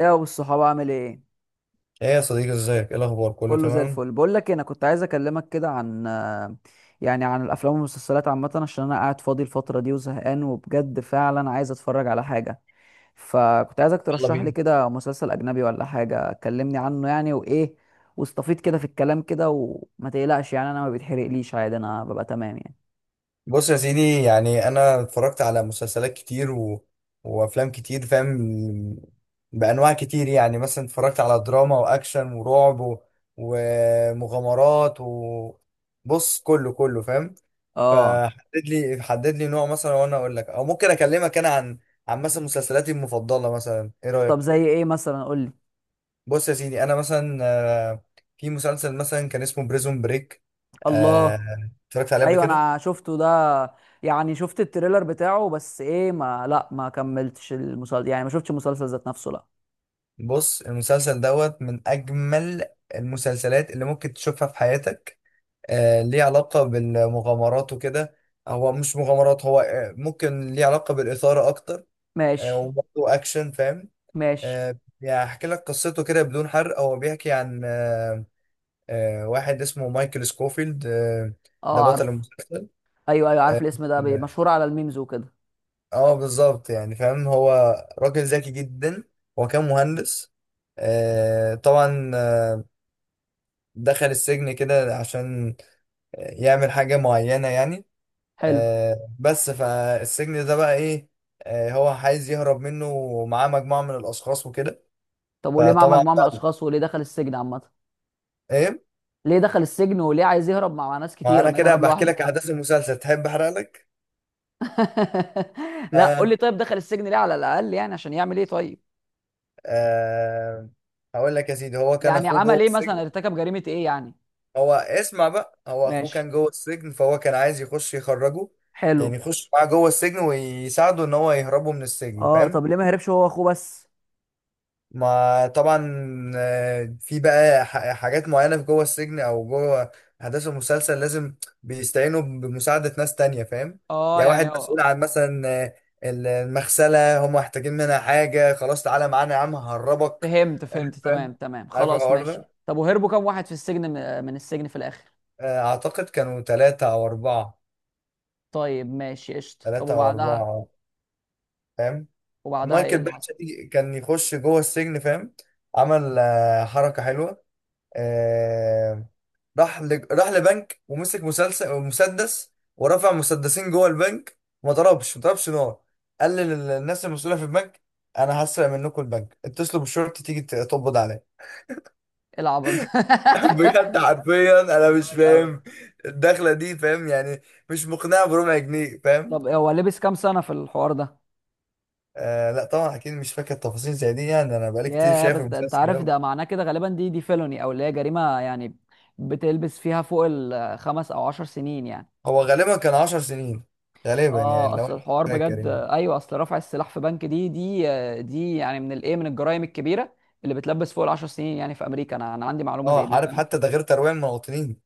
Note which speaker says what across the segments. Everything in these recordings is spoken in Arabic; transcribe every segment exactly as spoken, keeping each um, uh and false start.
Speaker 1: ايه يا ابو الصحاب، عامل ايه؟
Speaker 2: ايه يا صديقي ازيك؟ ايه الاخبار؟ كله
Speaker 1: كله زي
Speaker 2: تمام؟
Speaker 1: الفل. بقول لك إيه، انا كنت عايز اكلمك كده عن، يعني عن الافلام والمسلسلات عامه، عشان انا قاعد فاضي الفتره دي وزهقان وبجد فعلا عايز اتفرج على حاجه. فكنت عايزك
Speaker 2: يلا
Speaker 1: ترشح لي
Speaker 2: بينا.
Speaker 1: كده مسلسل اجنبي ولا حاجه، كلمني عنه يعني، وايه واستفيد كده في الكلام كده، وما تقلقش يعني، انا ما بيتحرقليش عادي، انا ببقى تمام يعني.
Speaker 2: بص يا سيدي، يعني انا اتفرجت على مسلسلات كتير و... وافلام كتير، فاهم؟ بانواع كتير، يعني مثلا اتفرجت على دراما واكشن ورعب و... ومغامرات و بص كله كله فاهم.
Speaker 1: اه،
Speaker 2: فحدد لي حدد لي نوع مثلا وانا اقول لك، او ممكن اكلمك انا عن عن مثلا مسلسلاتي المفضلة مثلا، ايه
Speaker 1: طب
Speaker 2: رأيك؟
Speaker 1: زي ايه مثلا؟ قول لي.
Speaker 2: بص يا سيدي، انا مثلا آه، في مسلسل مثلا كان اسمه بريزون بريك،
Speaker 1: الله.
Speaker 2: اتفرجت عليه قبل
Speaker 1: ايوه
Speaker 2: كده.
Speaker 1: انا شفته ده، يعني شفت التريلر بتاعه، بس ايه ما لا ما كملتش المسلسل يعني، ما شفتش المسلسل ذات نفسه، لا.
Speaker 2: بص، المسلسل دوت من اجمل المسلسلات اللي ممكن تشوفها في حياتك. آه، ليه علاقة بالمغامرات وكده. هو مش مغامرات، هو آه، ممكن ليه علاقة بالإثارة اكتر. آه،
Speaker 1: ماشي.
Speaker 2: وبرضه اكشن، فاهم.
Speaker 1: ماشي.
Speaker 2: آه، يعني هحكي لك قصته كده بدون حرق. هو بيحكي عن آه، آه، واحد اسمه مايكل سكوفيلد آه، ده
Speaker 1: اه
Speaker 2: بطل
Speaker 1: عارف.
Speaker 2: المسلسل.
Speaker 1: ايوه ايوه
Speaker 2: آه،
Speaker 1: عارف الاسم ده، بي- مشهور على الميمز وكده.
Speaker 2: اه بالظبط، يعني فاهم. هو راجل ذكي جدا، هو كان مهندس آه طبعا آه دخل السجن كده عشان يعمل حاجة معينة يعني
Speaker 1: حلو.
Speaker 2: آه بس فالسجن ده بقى ايه؟ آه هو عايز يهرب منه ومعاه مجموعة من الأشخاص وكده.
Speaker 1: طب وليه مع
Speaker 2: فطبعا
Speaker 1: مجموعه من
Speaker 2: بقى
Speaker 1: الاشخاص؟ وليه دخل السجن عامه؟
Speaker 2: ايه،
Speaker 1: ليه دخل السجن وليه عايز يهرب مع مع ناس
Speaker 2: ما
Speaker 1: كتيره؟
Speaker 2: انا
Speaker 1: ما
Speaker 2: كده
Speaker 1: يهرب
Speaker 2: بحكي
Speaker 1: لوحده.
Speaker 2: لك أحداث المسلسل، تحب أحرق لك؟
Speaker 1: لا، قول
Speaker 2: آه
Speaker 1: لي طيب، دخل السجن ليه على الاقل يعني؟ عشان يعمل ايه طيب؟
Speaker 2: آه هقول لك يا سيدي، هو كان
Speaker 1: يعني
Speaker 2: أخوه جوه
Speaker 1: عمل ايه مثلا،
Speaker 2: السجن.
Speaker 1: ارتكب جريمه ايه يعني؟
Speaker 2: هو اسمع بقى، هو اخوه
Speaker 1: ماشي.
Speaker 2: كان جوه السجن، فهو كان عايز يخش يخرجه،
Speaker 1: حلو.
Speaker 2: يعني يخش معاه جوه السجن ويساعده ان هو يهربه من السجن،
Speaker 1: اه،
Speaker 2: فاهم.
Speaker 1: طب ليه ما هربش هو واخوه بس؟
Speaker 2: ما طبعا آه، في بقى ح- حاجات معينة في جوه السجن او جوه احداث المسلسل، لازم بيستعينوا بمساعدة ناس تانية، فاهم.
Speaker 1: اه
Speaker 2: يعني
Speaker 1: يعني
Speaker 2: واحد مسؤول
Speaker 1: هو.
Speaker 2: عن مثلا آه، ال- المغسلة، هم محتاجين منها حاجة، خلاص تعالى معانا يا عم ههربك.
Speaker 1: فهمت فهمت
Speaker 2: فاهم،
Speaker 1: تمام تمام
Speaker 2: عارف
Speaker 1: خلاص
Speaker 2: الحوار
Speaker 1: ماشي.
Speaker 2: ده.
Speaker 1: طب وهربوا كام واحد في السجن، م- من السجن في الاخر؟
Speaker 2: آه، اعتقد كانوا ثلاثة او اربعة.
Speaker 1: طيب ماشي قشطه. طب
Speaker 2: ثلاثة او
Speaker 1: وبعدها
Speaker 2: اربعة فاهم.
Speaker 1: وبعدها ايه
Speaker 2: مايكل
Speaker 1: اللي
Speaker 2: باتش
Speaker 1: حصل؟
Speaker 2: دي كان يخش جوه السجن، فاهم. عمل آه، حركة حلوة آه، راح ل... راح لبنك ومسك مسلسل مسدس ورفع مسدسين جوه البنك، وما ضربش ما ضربش نار. قال للناس المسؤولة في البنك: انا هسرق منكم البنك، اتصلوا بالشرطة تيجي ت- تقبض عليا.
Speaker 1: ايه العبط ده؟
Speaker 2: بجد حرفيا
Speaker 1: ده
Speaker 2: انا مش
Speaker 1: جامد قوي.
Speaker 2: فاهم الدخلة دي، فاهم يعني، مش مقنعة بربع جنيه، فاهم.
Speaker 1: طب هو لبس كام سنه في الحوار ده؟
Speaker 2: آه لا طبعا اكيد مش فاكر تفاصيل زي دي، يعني انا بقالي كتير
Speaker 1: ياه،
Speaker 2: شايف
Speaker 1: بس ده انت
Speaker 2: المسلسل
Speaker 1: عارف
Speaker 2: ده.
Speaker 1: ده معناه كده، غالبا دي دي فيلوني، او اللي هي جريمه يعني، بتلبس فيها فوق الخمس او عشر سنين يعني.
Speaker 2: هو غالبا كان عشر سنين غالبا،
Speaker 1: اه
Speaker 2: يعني لو
Speaker 1: اصل
Speaker 2: انا
Speaker 1: الحوار
Speaker 2: فاكر
Speaker 1: بجد،
Speaker 2: يعني.
Speaker 1: ايوه اصل رفع السلاح في بنك دي دي دي يعني من الايه من الجرائم الكبيره اللي بتلبس فوق العشر سنين يعني في امريكا، انا انا عندي معلومه زي
Speaker 2: اه
Speaker 1: دي
Speaker 2: عارف،
Speaker 1: فاهم.
Speaker 2: حتى ده غير ترويع المواطنين.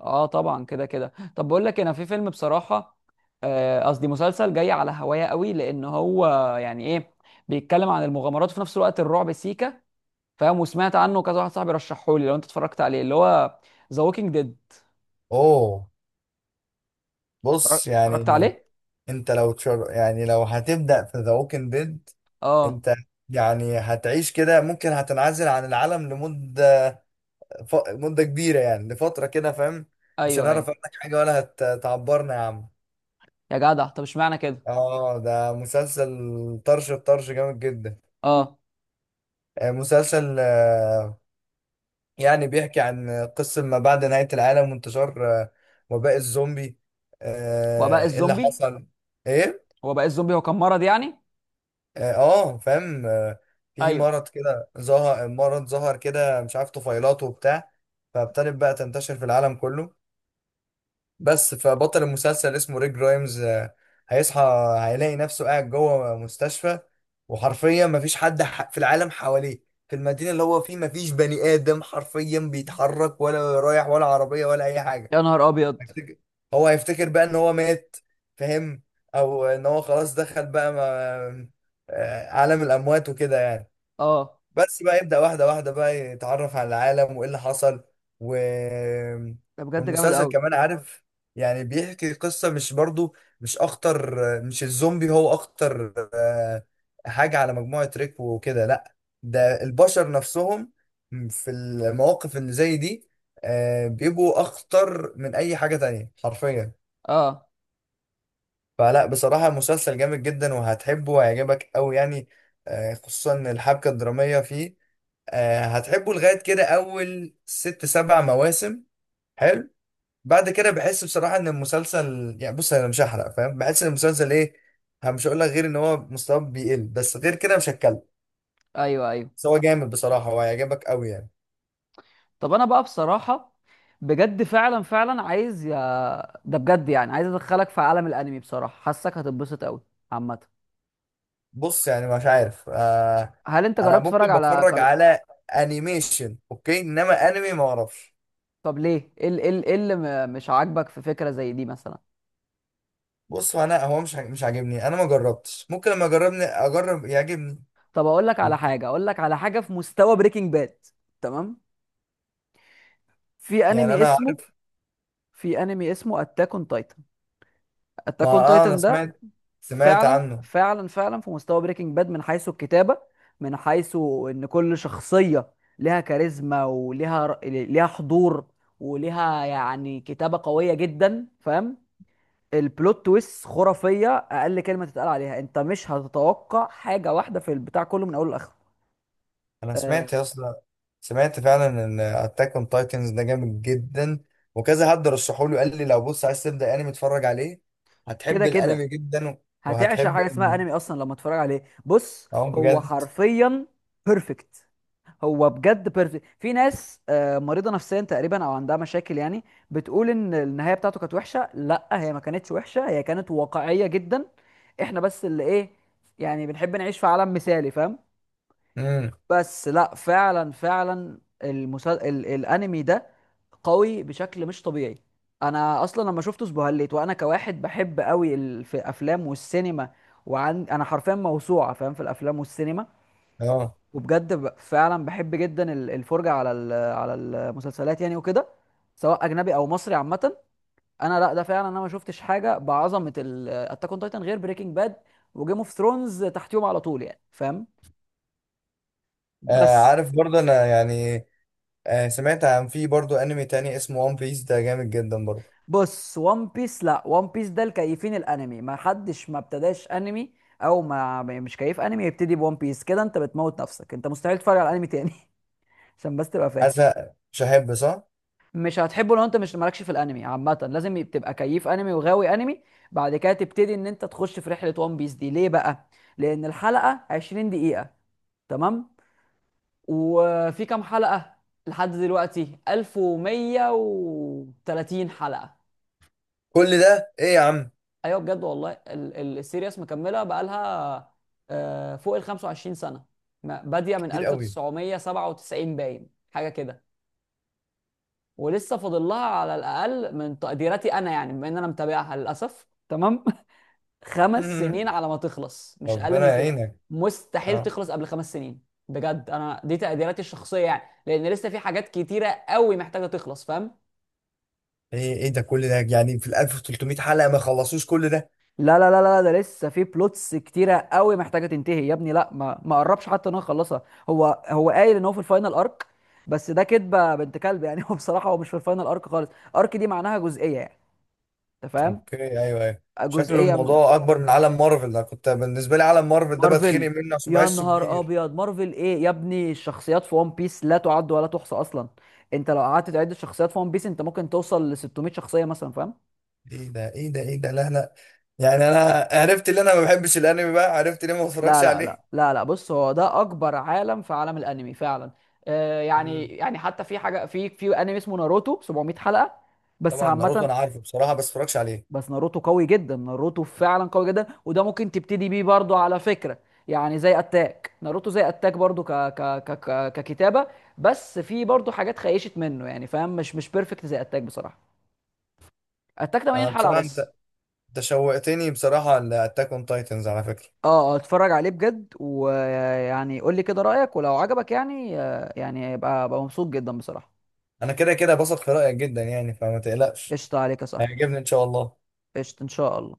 Speaker 1: اه طبعا كده كده. طب بقول لك إيه، انا في فيلم بصراحه، آه، قصدي مسلسل جاي على هوايا قوي، لان هو يعني ايه، بيتكلم عن المغامرات وفي نفس الوقت الرعب سيكا فاهم، وسمعت عنه كذا واحد صاحبي رشحه لي، لو انت اتفرجت عليه، اللي هو ذا ووكينج ديد.
Speaker 2: اوه، بص
Speaker 1: اتفرجت
Speaker 2: يعني،
Speaker 1: عليه؟
Speaker 2: انت لو تشر... يعني لو هتبدأ في ذا ووكينج ديد،
Speaker 1: اه.
Speaker 2: انت يعني هتعيش كده، ممكن هتنعزل عن العالم لمدة ف... مدة كبيرة، يعني لفترة كده، فاهم. مش
Speaker 1: ايوه ايوه.
Speaker 2: هنعرف عنك حاجة، ولا هتعبرنا يا عم.
Speaker 1: يا جدع طب اشمعنى كده؟ مم.
Speaker 2: اه، ده مسلسل طرش الطرش جامد جدا.
Speaker 1: اه،
Speaker 2: آه، مسلسل آه، يعني بيحكي عن قصة ما بعد نهاية العالم وانتشار آه، وباء الزومبي.
Speaker 1: وباء
Speaker 2: آه، ايه اللي
Speaker 1: الزومبي؟
Speaker 2: حصل ايه،
Speaker 1: هو بقى الزومبي هو كان مرض يعني؟
Speaker 2: اه آه، فاهم آه، في
Speaker 1: ايوه.
Speaker 2: مرض كده، ظهر مرض ظهر كده مش عارف طفيلاته وبتاع. فابتدت بقى تنتشر في العالم كله. بس فبطل المسلسل اسمه ريك جرايمز آه، هيصحى هيلاقي نفسه قاعد جوه مستشفى، وحرفيا مفيش حد ح- في العالم حواليه، في المدينة اللي هو فيه مفيش بني آدم حرفيا بيتحرك، ولا رايح، ولا عربية، ولا أي حاجة.
Speaker 1: يا نهار ابيض.
Speaker 2: هيفتكر، هو هيفتكر بقى ان هو مات، فاهم، او ان هو خلاص دخل بقى ما... آه، عالم الاموات وكده يعني.
Speaker 1: اه
Speaker 2: بس بقى يبدأ واحدة واحدة بقى يتعرف على العالم وإيه اللي حصل و...
Speaker 1: ده بجد جامد
Speaker 2: والمسلسل
Speaker 1: قوي.
Speaker 2: كمان عارف، يعني بيحكي قصة، مش برضو مش أخطر، مش الزومبي هو أخطر آه، حاجة على مجموعة ريك وكده، لأ، ده البشر نفسهم في المواقف اللي زي دي آه، بيبقوا أخطر من أي حاجة تانية حرفيا.
Speaker 1: اه.
Speaker 2: فلا بصراحة المسلسل جامد جدا، وهتحبه وهيعجبك أوي يعني آه، خصوصا الحبكة الدرامية فيه. آه، هتحبه لغاية كده أول ست سبع مواسم. حلو. بعد كده بحس بصراحة إن المسلسل يعني، بص أنا مش هحرق، فاهم، بحس إن المسلسل إيه، أنا مش هقول لك غير إن هو مستواه بيقل، بس غير كده مش هتكلم.
Speaker 1: ايوه ايوه.
Speaker 2: بس هو جامد بصراحة وهيعجبك أوي يعني.
Speaker 1: طب انا بقى بصراحه بجد فعلا فعلا عايز، يا ده بجد يعني عايز ادخلك في عالم الانمي بصراحه، حاسك هتتبسط قوي عامه.
Speaker 2: بص يعني مش عارف، آه.
Speaker 1: هل انت
Speaker 2: أنا
Speaker 1: جربت تتفرج
Speaker 2: ممكن
Speaker 1: على
Speaker 2: بتفرج
Speaker 1: كر...
Speaker 2: على أنيميشن، أوكي، إنما أنمي ما أعرفش.
Speaker 1: طب ليه، ايه ال- إيه ال- إيه اللي م- مش عاجبك في فكره زي دي مثلا؟
Speaker 2: بص هو أنا، هو مش عاج- مش عاجبني، أنا ما جربتش، ممكن لما أجربني أجرب يعجبني.
Speaker 1: طب اقول لك على حاجه اقول لك على حاجه في مستوى بريكنج باد. تمام. في
Speaker 2: يعني
Speaker 1: انمي
Speaker 2: أنا
Speaker 1: اسمه
Speaker 2: عارف.
Speaker 1: في انمي اسمه اتاك اون تايتن.
Speaker 2: ما
Speaker 1: اتاك اون
Speaker 2: آه، أنا
Speaker 1: تايتن ده
Speaker 2: سمعت سمعت
Speaker 1: فعلا
Speaker 2: عنه.
Speaker 1: فعلا فعلا في مستوى بريكنج باد، من حيث الكتابة، من حيث ان كل شخصية لها كاريزما وليها، ر- ليها حضور، وليها يعني كتابة قوية جدا فاهم. البلوت تويست خرافية، اقل كلمة تتقال عليها. انت مش هتتوقع حاجة واحدة في البتاع كله من اوله لاخره.
Speaker 2: انا
Speaker 1: آه،
Speaker 2: سمعت يا اسطى، سمعت فعلا ان اتاك اون تايتنز ده جامد جدا، وكذا حد رشحه لي قال لي لو بص عايز تبدا انمي اتفرج عليه،
Speaker 1: كده
Speaker 2: هتحب
Speaker 1: كده
Speaker 2: الانمي جدا.
Speaker 1: هتعشق
Speaker 2: وهتحب
Speaker 1: حاجة اسمها
Speaker 2: ال-
Speaker 1: انمي اصلا لما تتفرج عليه. بص،
Speaker 2: اه
Speaker 1: هو
Speaker 2: بجد.
Speaker 1: حرفيا بيرفكت. هو بجد بيرفكت. في ناس آه، مريضه نفسيا تقريبا او عندها مشاكل يعني، بتقول ان النهايه بتاعته كانت وحشه. لا، هي ما كانتش وحشه، هي كانت واقعيه جدا. احنا بس اللي ايه، يعني بنحب نعيش في عالم مثالي فاهم.
Speaker 2: امم،
Speaker 1: بس لا، فعلا فعلا المسل... ال... الانمي ده قوي بشكل مش طبيعي. انا اصلا لما شفته اسبهليت، وانا كواحد بحب قوي ال... في الافلام والسينما، وعن انا حرفيا موسوعه فاهم في الافلام والسينما،
Speaker 2: اه.
Speaker 1: وبجد ب- فعلا بحب جدا ال- الفرجه على ال- على المسلسلات يعني وكده، سواء اجنبي او مصري عامه. انا لا، ده فعلا انا ما شفتش حاجه بعظمه اتاك اون تايتن غير بريكنج باد وجيم اوف ثرونز، تحتيهم على طول يعني فاهم.
Speaker 2: آه،
Speaker 1: بس.
Speaker 2: عارف برضه انا يعني آه، سمعت عن، في برضه انمي تاني اسمه وان بيس، ده جامد جدا برضه.
Speaker 1: بص وان بيس، لا، وان بيس ده الكيفين. الانمي ما حدش ما ابتداش انمي، او ما ما- مش كيف انمي يبتدي بوان بيس كده. انت بتموت نفسك. انت مستحيل تتفرج على انمي تاني. عشان بس تبقى فاهم.
Speaker 2: حاسس مش هحب، صح؟
Speaker 1: مش هتحبه لو انت مش مالكش في الانمي عامه. لازم يب- تبقى كيف انمي وغاوي انمي، بعد كده تبتدي ان انت تخش في رحله. وان بيس دي ليه بقى؟ لان الحلقه عشرين دقيقه، تمام، وفي كام حلقه؟ لحد دلوقتي ألف ومية وتلاتين حلقه.
Speaker 2: كل ده ايه يا عم؟
Speaker 1: ايوه بجد والله ال- ال- السيريس مكمله بقالها آه، فوق ال خمسة وعشرين سنه، ما- باديه من
Speaker 2: كتير قوي.
Speaker 1: ألف وتسعمية وسبعة وتسعين باين حاجه كده، ولسه فاضل لها على الاقل من تقديراتي انا يعني، بما ان انا متابعها للاسف تمام. خمس سنين
Speaker 2: مم.
Speaker 1: على ما تخلص، مش اقل
Speaker 2: ربنا
Speaker 1: من كده.
Speaker 2: يعينك.
Speaker 1: مستحيل
Speaker 2: اه.
Speaker 1: تخلص قبل خمس سنين. بجد انا دي تقديراتي الشخصيه يعني، لان لسه في حاجات كتيره قوي محتاجه تخلص فاهم.
Speaker 2: ايه ايه ده كل ده، يعني في ال ألف وثلاثمية حلقه ما خلصوش كل ده؟
Speaker 1: لا لا لا لا، ده لسه في بلوتس كتيره قوي محتاجه تنتهي يا ابني. لا، ما ما قربش حتى ان هو يخلصها. هو هو قايل ان هو في الفاينل ارك، بس ده كدبه بنت كلب يعني. هو بصراحه هو مش في الفاينل ارك خالص. ارك دي معناها جزئيه يعني، انت فاهم،
Speaker 2: اوكي، ايوه ايوه. شكله
Speaker 1: جزئيه من
Speaker 2: الموضوع اكبر من عالم مارفل، انا كنت بالنسبه لي عالم مارفل ده بتخنق
Speaker 1: مارفل.
Speaker 2: منه عشان
Speaker 1: يا
Speaker 2: بحسه
Speaker 1: نهار
Speaker 2: كبير.
Speaker 1: ابيض، مارفل ايه يا ابني؟ الشخصيات في ون بيس لا تعد ولا تحصى اصلا. انت لو قعدت تعد الشخصيات في ون بيس، انت ممكن توصل ل ستمئة شخصيه مثلا فاهم.
Speaker 2: ايه ده ايه ده ايه ده، لا لا، يعني انا عرفت ان انا ما بحبش الانمي، بقى عرفت ليه ما
Speaker 1: لا
Speaker 2: بتفرجش
Speaker 1: لا لا
Speaker 2: عليه.
Speaker 1: لا لا، بص هو ده اكبر عالم في عالم الانمي فعلا. آه يعني
Speaker 2: امم.
Speaker 1: يعني حتى في حاجه، في في انمي اسمه ناروتو سبعمئة حلقه، بس
Speaker 2: طبعا ناروتو
Speaker 1: عامه.
Speaker 2: انا عارفه بصراحه، بس بتفرجش عليه.
Speaker 1: بس ناروتو قوي جدا، ناروتو فعلا قوي جدا، وده ممكن تبتدي بيه برضو على فكرة. يعني زي اتاك، ناروتو زي اتاك برضو ك... ك... ك... ك... ككتابة، بس في برضو حاجات خيشت منه يعني فاهم، مش مش بيرفكت زي اتاك بصراحة. اتاك تمانين
Speaker 2: أنا
Speaker 1: حلقة
Speaker 2: بصراحه انت،
Speaker 1: بس.
Speaker 2: انت شوقتني بصراحه لاتاك اون تايتنز على فكره.
Speaker 1: اه. آه، اتفرج عليه بجد، ويعني قول لي كده رأيك، ولو عجبك يعني آه، يعني يبقى بقى مبسوط جدا بصراحة.
Speaker 2: انا كده كده بثق في رايك جدا يعني، فما تقلقش.
Speaker 1: قشطة عليك يا صاحبي.
Speaker 2: هيعجبني ان شاء الله.
Speaker 1: قشطة ان شاء الله.